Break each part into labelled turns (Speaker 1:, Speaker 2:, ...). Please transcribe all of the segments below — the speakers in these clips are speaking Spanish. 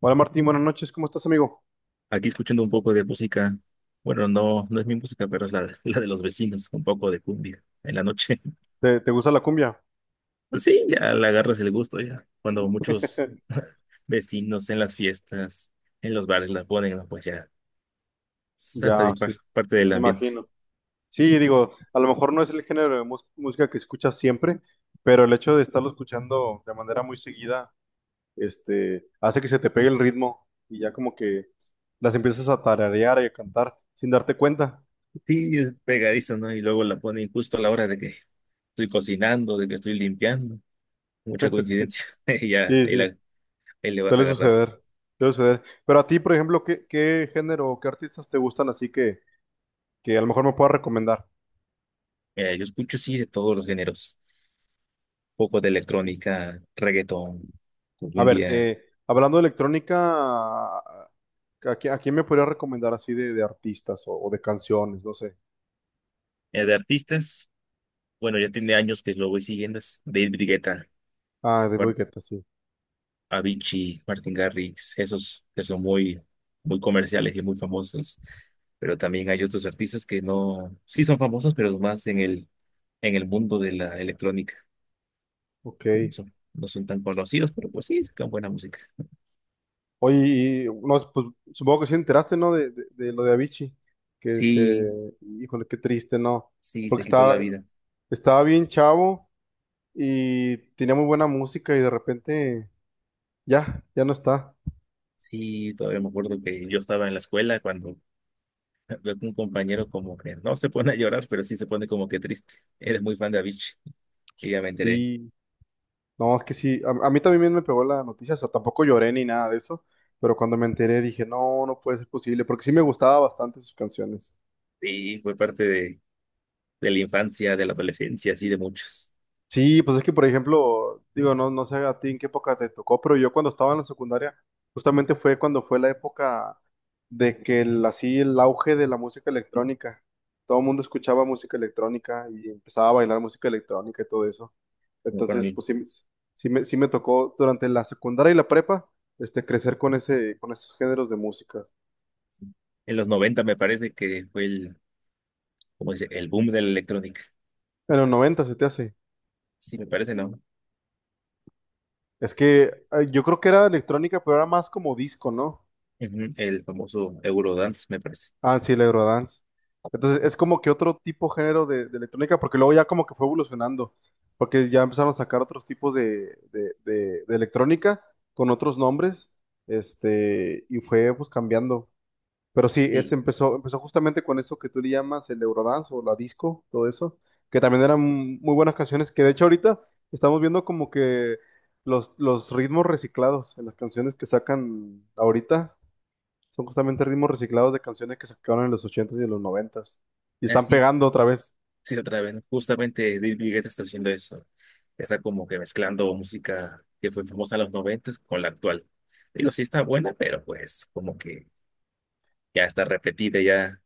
Speaker 1: Hola Martín, buenas noches, ¿cómo estás amigo?
Speaker 2: Aquí escuchando un poco de música. Bueno, no es mi música, pero es la, la de los vecinos, un poco de cumbia en la noche.
Speaker 1: ¿Te gusta la cumbia?
Speaker 2: Pues sí, ya le agarras el gusto ya. Cuando muchos vecinos en las fiestas, en los bares la ponen, ¿no? Pues ya, es hasta
Speaker 1: Ya, sí,
Speaker 2: parte del
Speaker 1: me
Speaker 2: ambiente.
Speaker 1: imagino. Sí, digo, a lo mejor no es el género de música que escuchas siempre, pero el hecho de estarlo escuchando de manera muy seguida, hace que se te pegue el ritmo y ya como que las empiezas a tararear y a cantar sin darte cuenta.
Speaker 2: Sí, es pegadizo, ¿no? Y luego la ponen justo a la hora de que estoy cocinando, de que estoy limpiando. Mucha
Speaker 1: Sí,
Speaker 2: coincidencia. Y ya,
Speaker 1: sí,
Speaker 2: ahí,
Speaker 1: sí,
Speaker 2: ahí le vas
Speaker 1: suele
Speaker 2: agarrando.
Speaker 1: suceder, suele suceder. Pero a ti, por ejemplo, ¿qué género o qué artistas te gustan así que a lo mejor me puedas recomendar?
Speaker 2: Mira, yo escucho sí de todos los géneros. Poco de electrónica, reggaetón,
Speaker 1: A ver,
Speaker 2: cumbia.
Speaker 1: hablando de electrónica, ¿a, a quién me podría recomendar así de artistas o de canciones? No sé.
Speaker 2: De artistas, bueno, ya tiene años que lo voy siguiendo, es David Guetta,
Speaker 1: Ah, de
Speaker 2: Mar-
Speaker 1: Guetta, sí.
Speaker 2: Avicii, Martin Garrix, esos que son muy, muy comerciales y muy famosos, pero también hay otros artistas que no, sí son famosos, pero más en el, mundo de la electrónica,
Speaker 1: Ok.
Speaker 2: que no son tan conocidos, pero pues sí, sacan buena música.
Speaker 1: Oye, y, no, pues supongo que sí enteraste, ¿no? De lo de Avicii. Que se...
Speaker 2: Sí,
Speaker 1: Híjole, qué triste, ¿no?
Speaker 2: sí,
Speaker 1: Porque
Speaker 2: se quitó la
Speaker 1: estaba,
Speaker 2: vida.
Speaker 1: estaba bien chavo y tenía muy buena música y de repente ya no está.
Speaker 2: Sí, todavía me acuerdo que yo estaba en la escuela cuando veo que un compañero como que no se pone a llorar, pero sí se pone como que triste. Eres muy fan de Avicii. Y ya me enteré.
Speaker 1: Sí. No, es que sí, a mí también me pegó la noticia, o sea, tampoco lloré ni nada de eso, pero cuando me enteré dije, no, no puede ser posible, porque sí me gustaba bastante sus canciones.
Speaker 2: Sí fue parte de, la infancia, de la adolescencia, así de muchos.
Speaker 1: Sí, pues es que, por ejemplo, digo, no, no sé a ti en qué época te tocó, pero yo cuando estaba en la secundaria, justamente fue cuando fue la época de que el, así el auge de la música electrónica, todo el mundo escuchaba música electrónica y empezaba a bailar música electrónica y todo eso.
Speaker 2: Me acuerdo
Speaker 1: Entonces,
Speaker 2: en,
Speaker 1: pues sí, sí me tocó durante la secundaria y la prepa, crecer con ese, con esos géneros de música.
Speaker 2: en los 90 me parece que fue el, como dice, el boom de la electrónica.
Speaker 1: En los 90 se te hace.
Speaker 2: Sí, me parece, ¿no?
Speaker 1: Es que yo creo que era electrónica, pero era más como disco, ¿no?
Speaker 2: Ujú, el famoso Eurodance, me parece.
Speaker 1: Ah, sí, el Eurodance. Entonces, es como que otro tipo género de electrónica, porque luego ya como que fue evolucionando, porque ya empezaron a sacar otros tipos de electrónica con otros nombres, y fue pues cambiando. Pero sí, es,
Speaker 2: Sí,
Speaker 1: empezó justamente con eso que tú le llamas el Eurodance o la disco, todo eso, que también eran muy buenas canciones, que de hecho ahorita estamos viendo como que los ritmos reciclados en las canciones que sacan ahorita son justamente ritmos reciclados de canciones que sacaron en los ochentas y en los noventas y están
Speaker 2: así,
Speaker 1: pegando otra vez.
Speaker 2: sí, otra vez. Justamente David Guetta está haciendo eso. Está como que mezclando música que fue famosa en los 90 con la actual. Digo, sí está buena, pero pues como que ya está repetida, ya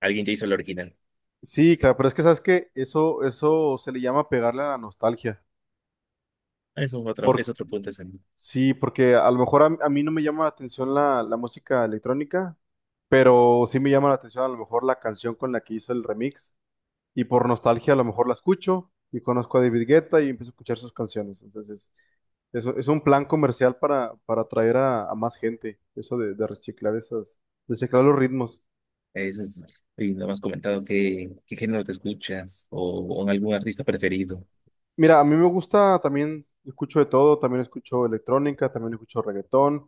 Speaker 2: alguien ya hizo la original.
Speaker 1: Sí, claro, pero es que sabes que eso se le llama pegarle a la nostalgia.
Speaker 2: Eso
Speaker 1: Por
Speaker 2: es otro punto ese, ¿no?
Speaker 1: Sí, porque a lo mejor a mí no me llama la atención la música electrónica, pero sí me llama la atención a lo mejor la canción con la que hizo el remix y por nostalgia a lo mejor la escucho y conozco a David Guetta y empiezo a escuchar sus canciones. Entonces, eso es un plan comercial para atraer a más gente, eso de reciclar esas, de reciclar los ritmos.
Speaker 2: Eso es, y no me has comentado qué, género te escuchas o algún artista preferido.
Speaker 1: Mira, a mí me gusta también, escucho de todo, también escucho electrónica, también escucho reggaetón,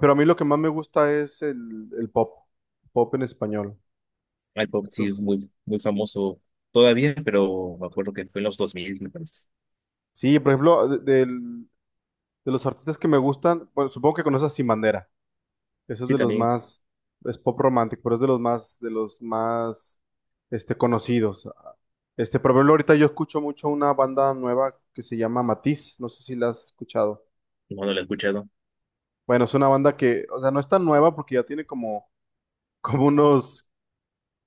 Speaker 1: pero a mí lo que más me gusta es el pop, pop en español.
Speaker 2: El pop sí es
Speaker 1: Entonces,
Speaker 2: muy, muy famoso todavía, pero me acuerdo que fue en los 2000 me parece.
Speaker 1: sí, por ejemplo, de los artistas que me gustan, bueno, supongo que conoces a Sin Bandera. Eso es
Speaker 2: Sí,
Speaker 1: de los
Speaker 2: también,
Speaker 1: más, Es pop romántico, pero es de los más, conocidos. Por ejemplo, ahorita yo escucho mucho una banda nueva que se llama Matiz. No sé si la has escuchado.
Speaker 2: no, no lo he escuchado.
Speaker 1: Bueno, es una banda que, o sea, no es tan nueva porque ya tiene como, como unos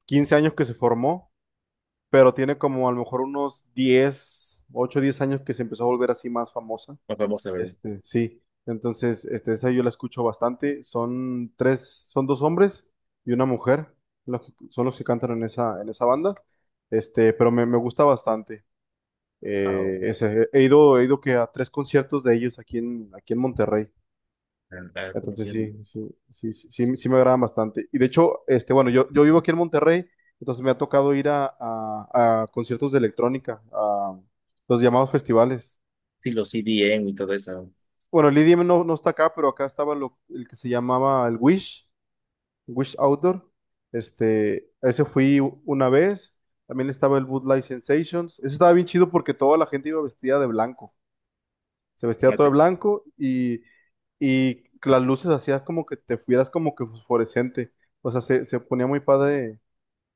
Speaker 1: 15 años que se formó, pero tiene como a lo mejor unos 10, 8, 10 años que se empezó a volver así más famosa.
Speaker 2: Más famoso, a ver,
Speaker 1: Sí, entonces, esa yo la escucho bastante. Son tres, son dos hombres y una mujer, son los que cantan en esa banda. Pero me gusta bastante.
Speaker 2: a,
Speaker 1: He ido que a 3 conciertos de ellos aquí en, aquí en Monterrey.
Speaker 2: ¿cómo
Speaker 1: Entonces
Speaker 2: se llama?
Speaker 1: sí, sí, sí, sí, sí, sí me agradan bastante. Y de hecho, bueno, yo vivo aquí en Monterrey, entonces me ha tocado ir a conciertos de electrónica, a los llamados festivales.
Speaker 2: Sí, los CDN y todo eso.
Speaker 1: Bueno, el IDM no está acá, pero acá estaba el que se llamaba el Wish, Wish Outdoor. A ese fui una vez. También estaba el Light Sensations. Ese estaba bien chido porque toda la gente iba vestida de blanco. Se vestía
Speaker 2: Ah,
Speaker 1: todo de
Speaker 2: te-
Speaker 1: blanco y las luces hacías como que te fueras como que fosforescente. O sea, se ponía muy padre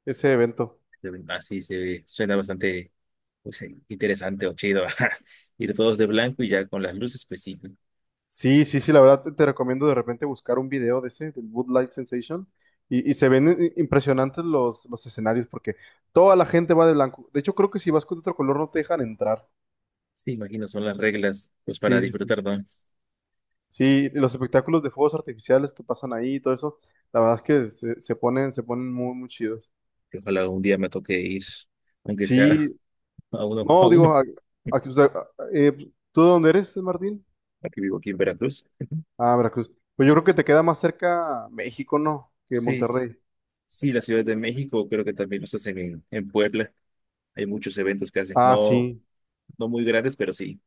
Speaker 1: ese evento.
Speaker 2: se ve- Así se ve- suena bastante pues, interesante o chido. Ir todos de blanco y ya con las luces, pues sí.
Speaker 1: Sí, sí, sí, la verdad te recomiendo de repente buscar un video de ese, del Light Sensation, y se ven impresionantes los escenarios porque toda la gente va de blanco. De hecho, creo que si vas con otro color no te dejan entrar.
Speaker 2: Sí, imagino, son las reglas pues para
Speaker 1: Sí, sí, sí.
Speaker 2: disfrutar, ¿no?
Speaker 1: Sí, los espectáculos de fuegos artificiales que pasan ahí y todo eso, la verdad es que se ponen muy, muy chidos.
Speaker 2: Que ojalá un día me toque ir aunque sea
Speaker 1: Sí,
Speaker 2: a uno,
Speaker 1: no,
Speaker 2: a
Speaker 1: digo,
Speaker 2: uno.
Speaker 1: aquí, o sea, eh, ¿tú de dónde eres, Martín?
Speaker 2: Aquí vivo aquí en Veracruz.
Speaker 1: Ah, Veracruz. Pues yo creo que te queda más cerca México, ¿no? Que
Speaker 2: Sí,
Speaker 1: Monterrey.
Speaker 2: sí, la Ciudad de México creo que también los hacen en Puebla. Hay muchos eventos que hacen,
Speaker 1: Ah,
Speaker 2: no,
Speaker 1: sí.
Speaker 2: no muy grandes, pero sí,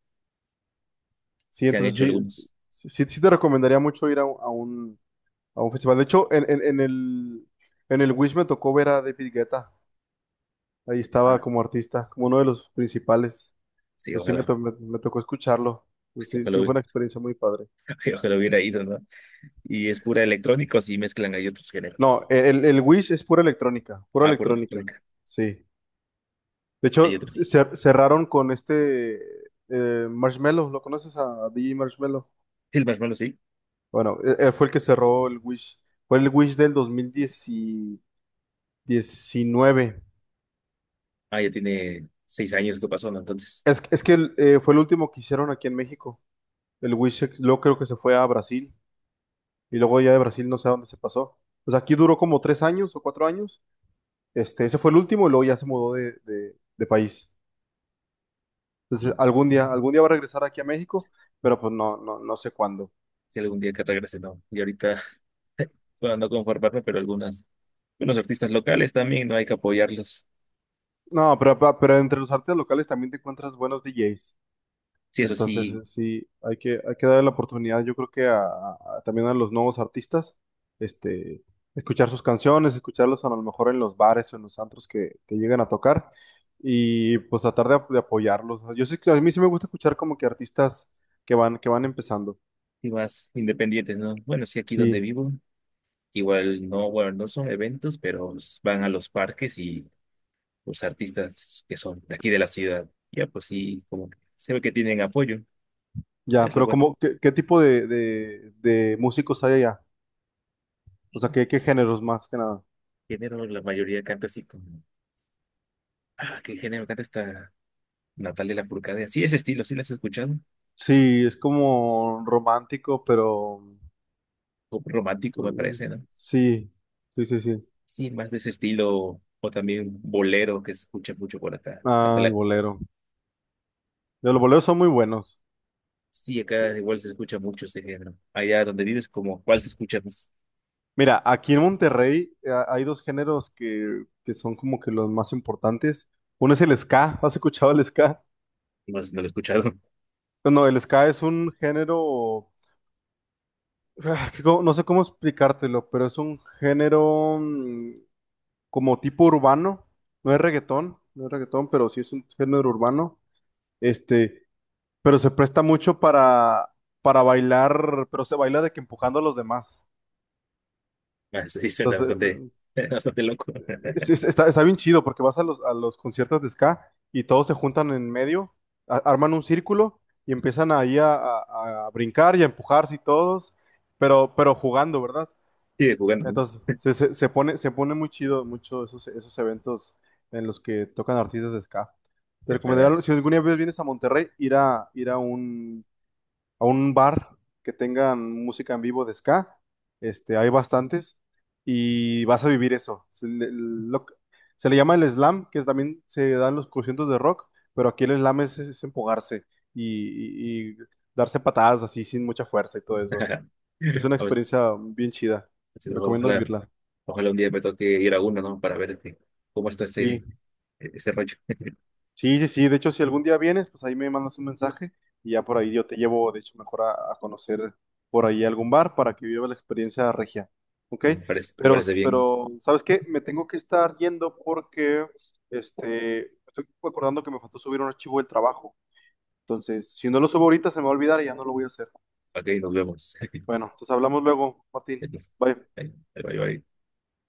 Speaker 1: Sí,
Speaker 2: se han
Speaker 1: entonces
Speaker 2: hecho
Speaker 1: sí,
Speaker 2: algunos.
Speaker 1: sí te recomendaría mucho ir a un festival. De hecho, en el Wish me tocó ver a David Guetta. Ahí estaba
Speaker 2: Ah,
Speaker 1: como artista, como uno de los principales.
Speaker 2: sí,
Speaker 1: Pues sí, me,
Speaker 2: ojalá,
Speaker 1: to- me- me tocó escucharlo. Pues
Speaker 2: sí,
Speaker 1: sí,
Speaker 2: ojalá,
Speaker 1: sí, fue una experiencia muy padre.
Speaker 2: ojalá hubiera ido, ¿no? Y es pura electrónica, o sí mezclan, hay otros géneros.
Speaker 1: No, el Wish es pura electrónica, pura
Speaker 2: Ah, pura
Speaker 1: electrónica.
Speaker 2: electrónica,
Speaker 1: Sí. De
Speaker 2: hay
Speaker 1: hecho,
Speaker 2: otro.
Speaker 1: cerraron con Marshmello. ¿Lo conoces a DJ Marshmello?
Speaker 2: Sí, el Marshmallow, sí.
Speaker 1: Bueno, fue el que cerró el Wish. Fue el Wish del 2010 diecinueve.
Speaker 2: Ah, ya tiene 6 años que pasó, ¿no? Entonces,
Speaker 1: Es que fue el último que hicieron aquí en México. El Wisex, luego creo que se fue a Brasil y luego ya de Brasil no sé a dónde se pasó. Pues aquí duró como 3 años o 4 años. Ese fue el último y luego ya se mudó de país. Entonces,
Speaker 2: sí,
Speaker 1: algún día va a regresar aquí a México, pero pues no, no, no sé cuándo.
Speaker 2: si algún día que regrese, ¿no? Y ahorita, bueno, no conformarme, pero algunos artistas locales también, no hay que apoyarlos.
Speaker 1: No, pero, pero entre los artistas locales también te encuentras buenos DJs.
Speaker 2: Sí, eso
Speaker 1: Entonces,
Speaker 2: sí,
Speaker 1: sí, hay que darle la oportunidad, yo creo que a, también a los nuevos artistas, este, escuchar sus canciones, escucharlos a lo mejor en los bares o en los antros que llegan a tocar y pues tratar de apoyarlos. ¿No? Yo sé que a mí sí me gusta escuchar como que artistas que van empezando.
Speaker 2: sí más independientes, ¿no? Bueno, sí, aquí donde
Speaker 1: Sí,
Speaker 2: vivo, igual no, bueno, no son eventos, pero van a los parques y los artistas que son de aquí de la ciudad, ya pues sí, como que se ve que tienen apoyo,
Speaker 1: ya,
Speaker 2: es lo
Speaker 1: pero
Speaker 2: bueno.
Speaker 1: como, ¿qué tipo de músicos hay allá? O sea, ¿qué géneros más que nada?
Speaker 2: Género, la mayoría canta así como, ah, ¿qué género canta esta Natalia Lafourcade? Así ese estilo, ¿sí la has escuchado?
Speaker 1: Sí, es como romántico, pero
Speaker 2: Como romántico me
Speaker 1: mm,
Speaker 2: parece, ¿no?
Speaker 1: sí, sí, sí, sí.
Speaker 2: Sí, más de ese estilo, o también bolero que se escucha mucho por acá, hasta
Speaker 1: Ah, el
Speaker 2: la.
Speaker 1: bolero. Los boleros son muy buenos.
Speaker 2: Sí, acá igual se escucha mucho este género. Allá donde vives, como, ¿cuál se escucha más?
Speaker 1: Mira, aquí en Monterrey hay dos géneros que son como que los más importantes. Uno es el ska. ¿Has escuchado el ska?
Speaker 2: No sé, si no lo he escuchado.
Speaker 1: No, el ska es un género, no sé cómo explicártelo, pero es un género como tipo urbano. No es reggaetón, no es reggaetón, pero sí es un género urbano. Este, pero se presta mucho para bailar, pero se baila de que empujando a los demás.
Speaker 2: Ah, sí, suena
Speaker 1: Entonces,
Speaker 2: bastante, bastante loco.
Speaker 1: está bien chido porque vas a los conciertos de ska y todos se juntan en medio, arman un círculo y empiezan ahí a, a brincar y a empujarse y todos, pero jugando, ¿verdad?
Speaker 2: Sigue jugando, ¿no?
Speaker 1: Entonces se pone muy chido mucho esos eventos en los que tocan artistas de ska. Te
Speaker 2: Sí,
Speaker 1: recomendaría,
Speaker 2: ojalá.
Speaker 1: si alguna vez vienes a Monterrey, ir a un bar que tengan música en vivo de ska, hay bastantes, y vas a vivir eso. Se le llama el slam, que también se dan los conciertos de rock, pero aquí el slam es empujarse y darse patadas así sin mucha fuerza y todo eso. Es una
Speaker 2: A ver,
Speaker 1: experiencia bien chida,
Speaker 2: sí,
Speaker 1: te recomiendo
Speaker 2: ojalá,
Speaker 1: vivirla.
Speaker 2: ojalá un día me toque ir a uno, ¿no? Para ver cómo está
Speaker 1: Sí.
Speaker 2: ese rollo.
Speaker 1: Sí, sí, sí. De hecho, si algún día vienes, pues ahí me mandas un mensaje y ya por ahí yo te llevo, de hecho, mejor a conocer por ahí algún bar para que viva la experiencia regia. ¿Ok?
Speaker 2: Me
Speaker 1: Pero,
Speaker 2: parece bien.
Speaker 1: pero, ¿sabes qué? Me tengo que estar yendo porque, estoy acordando que me faltó subir un archivo del trabajo. Entonces, si no lo subo ahorita, se me va a olvidar y ya no lo voy a hacer.
Speaker 2: Ok, nos vemos.
Speaker 1: Bueno, entonces hablamos luego, Martín.
Speaker 2: Entonces,
Speaker 1: Bye.
Speaker 2: ahí va, ahí va.